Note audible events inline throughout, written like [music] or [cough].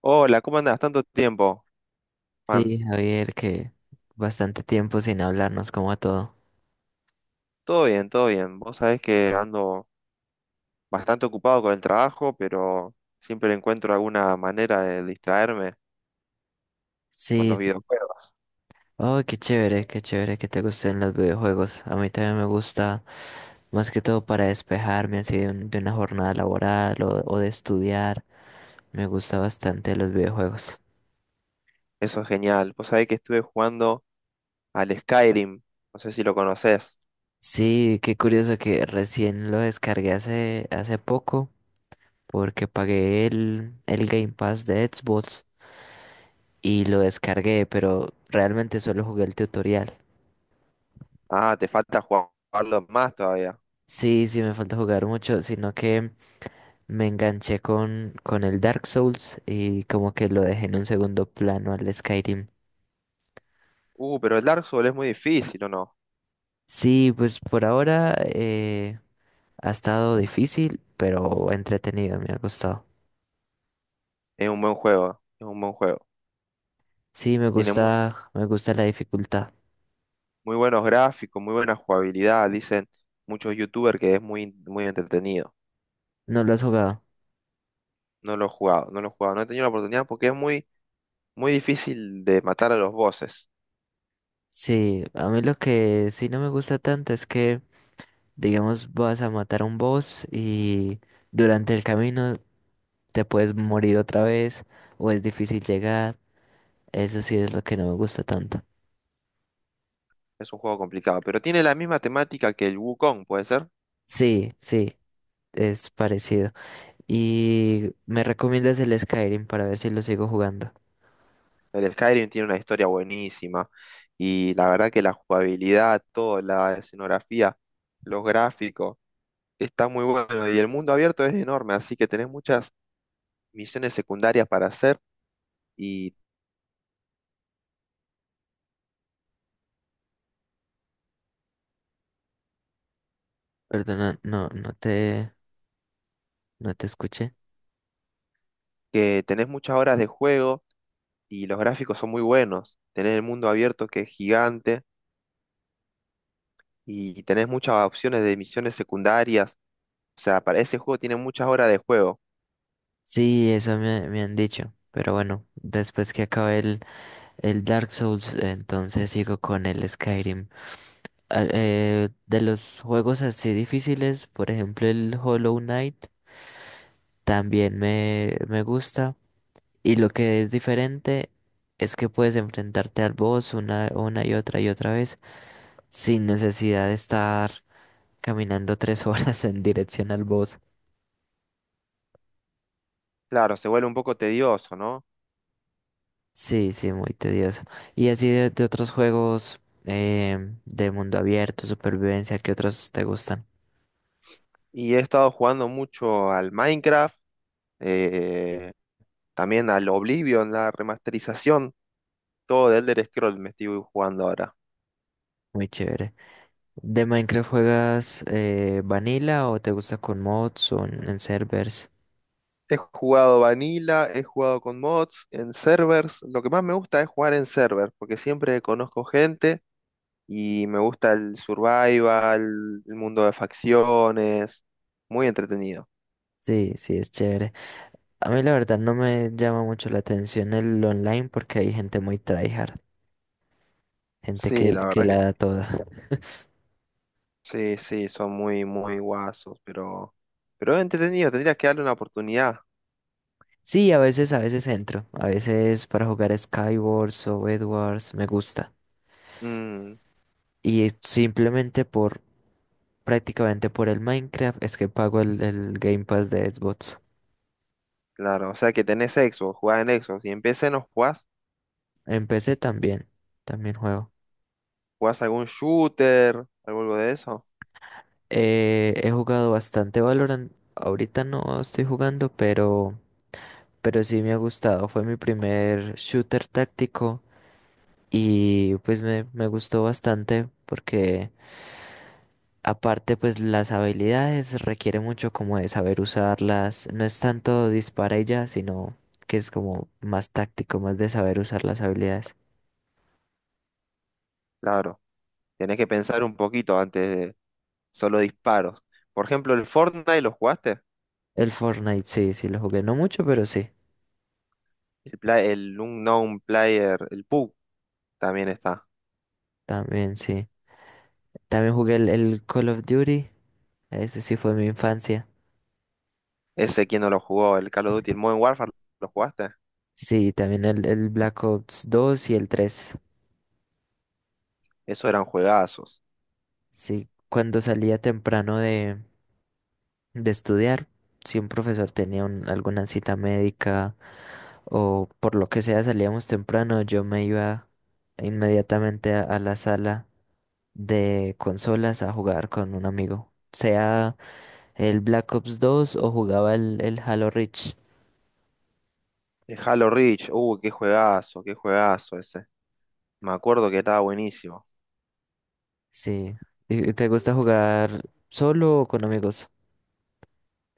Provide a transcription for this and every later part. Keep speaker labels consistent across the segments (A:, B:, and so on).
A: Hola, ¿cómo andás? Tanto tiempo, Juan.
B: Sí, Javier, que bastante tiempo sin hablarnos como a todo.
A: Todo bien, todo bien. Vos sabés que ando bastante ocupado con el trabajo, pero siempre encuentro alguna manera de distraerme con
B: Sí,
A: los
B: sí.
A: videojuegos.
B: Oh, qué chévere que te gusten los videojuegos. A mí también me gusta, más que todo para despejarme así de una jornada laboral o de estudiar. Me gusta bastante los videojuegos.
A: Eso es genial. Vos sabés que estuve jugando al Skyrim. No sé si lo conocés.
B: Sí, qué curioso que recién lo descargué hace poco porque pagué el Game Pass de Xbox y lo descargué, pero realmente solo jugué el tutorial.
A: Ah, te falta jugarlo más todavía.
B: Sí, sí, me falta jugar mucho, sino que me enganché con el Dark Souls y como que lo dejé en un segundo plano al Skyrim.
A: Pero el Dark Souls es muy difícil, ¿o no?
B: Sí, pues por ahora ha estado difícil, pero entretenido, me ha gustado.
A: Es un buen juego, es un buen juego.
B: Sí,
A: Tiene muy,
B: me gusta la dificultad.
A: muy buenos gráficos, muy buena jugabilidad. Dicen muchos youtubers que es muy, muy entretenido.
B: ¿No lo has jugado?
A: No lo he jugado, no lo he jugado, no he tenido la oportunidad porque es muy, muy difícil de matar a los bosses.
B: Sí, a mí lo que sí no me gusta tanto es que, digamos, vas a matar a un boss y durante el camino te puedes morir otra vez o es difícil llegar. Eso sí es lo que no me gusta tanto.
A: Es un juego complicado, pero tiene la misma temática que el Wukong, ¿puede ser?
B: Sí, sí, es parecido. Y me recomiendas el Skyrim para ver si lo sigo jugando.
A: El Skyrim tiene una historia buenísima y la verdad que la jugabilidad, toda la escenografía, los gráficos, está muy bueno y el mundo abierto es enorme, así que tenés muchas misiones secundarias para hacer y
B: Perdona, no te escuché.
A: que tenés muchas horas de juego y los gráficos son muy buenos. Tenés el mundo abierto que es gigante y tenés muchas opciones de misiones secundarias. O sea, para ese juego tiene muchas horas de juego.
B: Sí, eso me, me han dicho. Pero bueno, después que acabe el Dark Souls, entonces sigo con el Skyrim. Ah, de los juegos así difíciles, por ejemplo el Hollow Knight, también me gusta. Y lo que es diferente es que puedes enfrentarte al boss una y otra vez sin necesidad de estar caminando tres [laughs] horas en dirección al boss.
A: Claro, se vuelve un poco tedioso, ¿no?
B: Sí, sí, muy tedioso. Y así de otros juegos eh, de mundo abierto, supervivencia, ¿qué otros te gustan?
A: Y he estado jugando mucho al Minecraft, eh, también al Oblivion, la remasterización, todo de Elder Scrolls me estoy jugando ahora.
B: Muy chévere. ¿De Minecraft juegas vanilla o te gusta con mods o en servers?
A: He jugado Vanilla, he jugado con mods, en servers. Lo que más me gusta es jugar en servers, porque siempre conozco gente y me gusta el survival, el mundo de facciones, muy entretenido.
B: Sí, sí, es chévere. A mí la verdad no me llama mucho la atención el online porque hay gente muy tryhard. Gente
A: Sí, la
B: que
A: verdad que
B: la da toda.
A: sí, sí, son muy, muy guasos, pero es entretenido, tendrías que darle una oportunidad.
B: Sí, a veces entro. A veces para jugar Skywars o Edwards me gusta.
A: Mm,
B: Y simplemente por, prácticamente por el Minecraft es que pago el Game Pass de Xbox.
A: claro, o sea que tenés Xbox, jugás en Xbox y en PC no jugás,
B: En PC también, también juego.
A: jugás algún shooter, algo de eso.
B: He jugado bastante Valorant. Ahorita no estoy jugando, pero sí me ha gustado. Fue mi primer shooter táctico y pues me gustó bastante porque... Aparte, pues las habilidades requiere mucho como de saber usarlas. No es tanto dispara y ya, sino que es como más táctico, más de saber usar las habilidades.
A: Claro, tenés que pensar un poquito antes de solo disparos. Por ejemplo, el Fortnite, ¿lo jugaste?
B: El Fortnite sí, sí lo jugué, no mucho, pero
A: El, el Unknown Player, el PUBG también está.
B: sí. También jugué el Call of Duty, ese sí fue mi infancia.
A: Ese, ¿quién no lo jugó? El Call of Duty, el Modern Warfare, ¿lo jugaste?
B: Sí, también el Black Ops 2 y el 3.
A: Eso eran juegazos.
B: Sí, cuando salía temprano de estudiar. Si un profesor tenía alguna cita médica o por lo que sea salíamos temprano, yo me iba inmediatamente a la sala de consolas a jugar con un amigo. Sea el Black Ops 2 o jugaba el Halo Reach.
A: De Halo Reach, qué juegazo ese. Me acuerdo que estaba buenísimo.
B: Sí. ¿Y te gusta jugar solo o con amigos?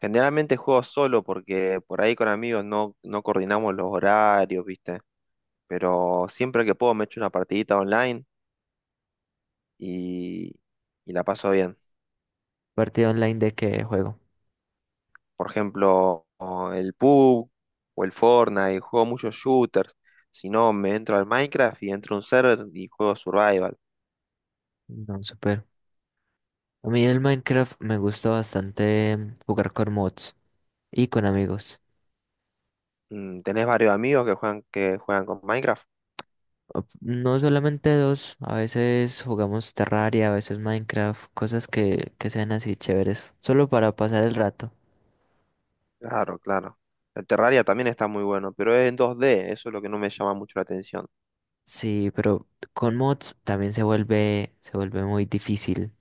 A: Generalmente juego solo porque por ahí con amigos no coordinamos los horarios, ¿viste? Pero siempre que puedo me echo una partidita online y, y la paso bien.
B: ¿Partido online de qué juego?
A: Por ejemplo, o el PUBG o el Fortnite, juego muchos shooters. Si no, me entro al Minecraft y entro a un server y juego Survival.
B: No, super. A mí el Minecraft me gusta bastante jugar con mods y con amigos.
A: ¿Tenés varios amigos que juegan con Minecraft?
B: No solamente dos, a veces jugamos Terraria, a veces Minecraft, cosas que sean así chéveres, solo para pasar el rato.
A: Claro, claro. El Terraria también está muy bueno, pero es en dos d, eso es lo que no me llama mucho la atención.
B: Sí, pero con mods también se vuelve muy difícil.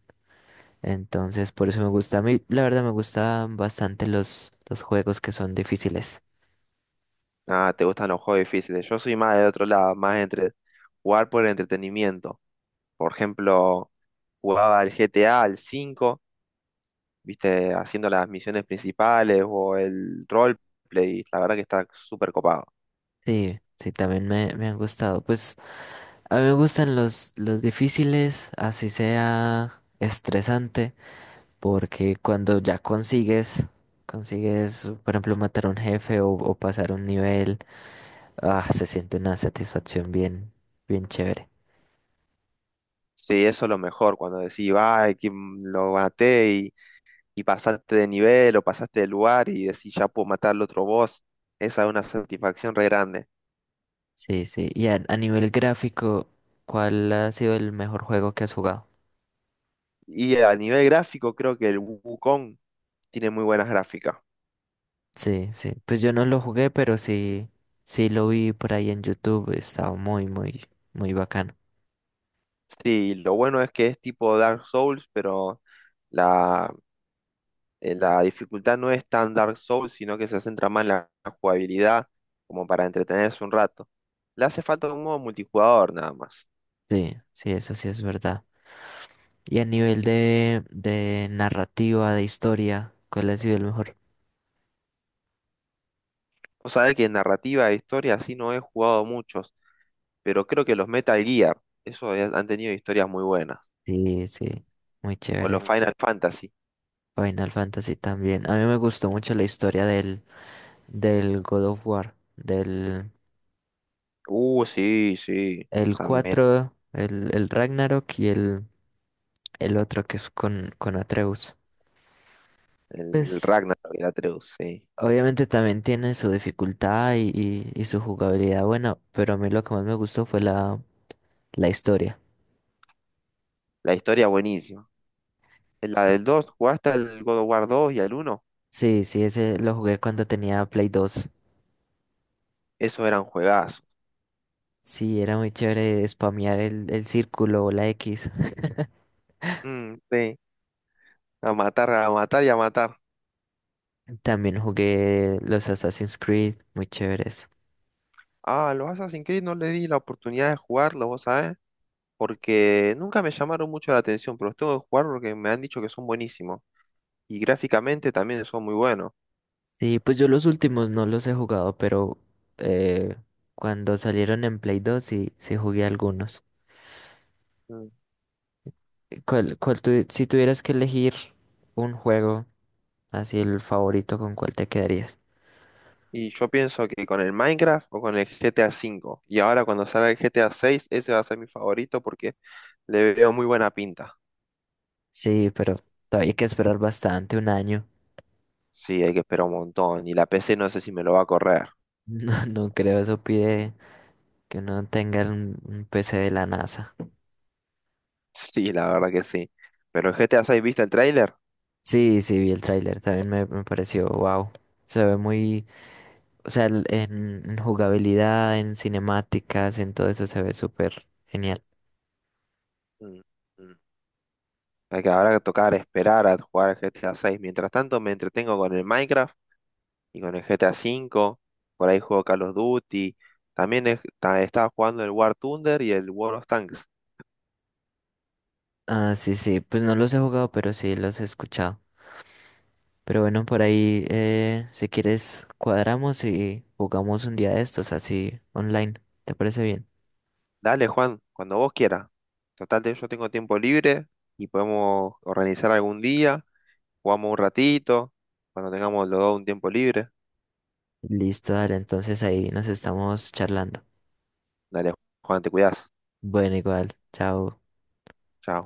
B: Entonces, por eso me gusta. A mí, la verdad, me gustan bastante los juegos que son difíciles.
A: Ah, te gustan los juegos difíciles. Yo soy más de otro lado, más entre jugar por el entretenimiento. Por ejemplo, jugaba al GTA, al 5, viste, haciendo las misiones principales o el roleplay. La verdad que está súper copado.
B: Sí, sí, también me han gustado. Pues a mí me gustan los difíciles, así sea estresante. Porque cuando ya consigues, por ejemplo, matar a un jefe o pasar un nivel, ah, se siente una satisfacción bien, bien chévere.
A: Sí, eso es lo mejor, cuando decís, ay, lo maté y pasaste de nivel o pasaste de lugar y decís, ya puedo matar al otro boss. Esa es una satisfacción re grande.
B: Sí, sí. Y a nivel gráfico, ¿cuál ha sido el mejor juego que has jugado?
A: Y a nivel gráfico, creo que el Wukong tiene muy buenas gráficas.
B: Sí, sí. Pues yo no lo jugué, pero sí, sí lo vi por ahí en YouTube. Estaba muy, muy, muy bacano.
A: Sí, lo bueno es que es tipo Dark Souls, pero la, la dificultad no es tan Dark Souls, sino que se centra más en la jugabilidad, como para entretenerse un rato. Le hace falta un modo multijugador nada más.
B: Sí, sí, eso sí es verdad. Y a nivel de narrativa, de historia, ¿cuál ha sido el mejor?
A: Vos sabés que en narrativa e historia así no he jugado muchos, pero creo que los Metal Gear, han tenido historias muy buenas.
B: Sí, sí. Muy
A: O
B: chévere.
A: los Final Fantasy.
B: Final Fantasy también. A mí me gustó mucho la historia del God of War, del
A: Sí, sí,
B: el
A: también.
B: 4 el Ragnarok y el otro que es con Atreus.
A: El
B: Pues
A: Ragnarok y el Atreus, sí.
B: obviamente también tiene su dificultad y su jugabilidad buena, pero a mí lo que más me gustó fue la, la historia.
A: La historia buenísima. ¿En la
B: Sí.
A: del 2 jugaste al God of War 2 y al uno?
B: Sí, sí, ese lo jugué cuando tenía Play 2.
A: Esos eran juegazos.
B: Sí, era muy chévere spamear el círculo o la X.
A: Mm, sí, a matar y a matar.
B: También jugué los Assassin's Creed, muy chéveres.
A: Ah, los Assassin's Creed no le di la oportunidad de jugarlos, vos sabés, porque nunca me llamaron mucho la atención, pero los tengo que jugar porque me han dicho que son buenísimos. Y gráficamente también son muy buenos.
B: Sí, pues yo los últimos no los he jugado, pero eh, cuando salieron en Play 2 sí, sí jugué algunos.
A: Mm.
B: Si tuvieras que elegir un juego, así el favorito, ¿con cuál te quedarías?
A: Y yo pienso que con el Minecraft o con el GTA 5. Y ahora cuando salga el GTA 6, ese va a ser mi favorito porque le veo muy buena pinta.
B: Sí, pero todavía hay que esperar bastante, un año. [laughs]
A: Sí, hay que esperar un montón. Y la PC no sé si me lo va a correr. [laughs]
B: No, no creo, eso pide que uno tenga un PC de la NASA.
A: Sí, la verdad que sí. Pero el GTA 6, ¿viste el tráiler?
B: Sí, sí, vi el tráiler, también me pareció, wow. Se ve muy... O sea, en jugabilidad, en cinemáticas, en todo eso se ve súper genial.
A: Mm, mm. Habrá que tocar esperar a jugar al GTA 6. Mientras tanto me entretengo con el Minecraft y con el GTA 5. Por ahí juego Call of Duty. También estaba jugando el War Thunder y el World of Tanks.
B: Ah, sí, sí, pues no los he jugado, pero sí los he escuchado. Pero bueno, por ahí, si quieres, cuadramos y jugamos un día de estos, así online. ¿Te parece bien?
A: Dale, Juan, cuando vos quieras. Total, yo tengo tiempo libre y podemos organizar algún día. Jugamos un ratito, cuando tengamos los dos un tiempo libre.
B: Listo, dale, entonces ahí nos estamos charlando.
A: Dale, Juan, te cuidas.
B: Bueno, igual, chao.
A: Chao.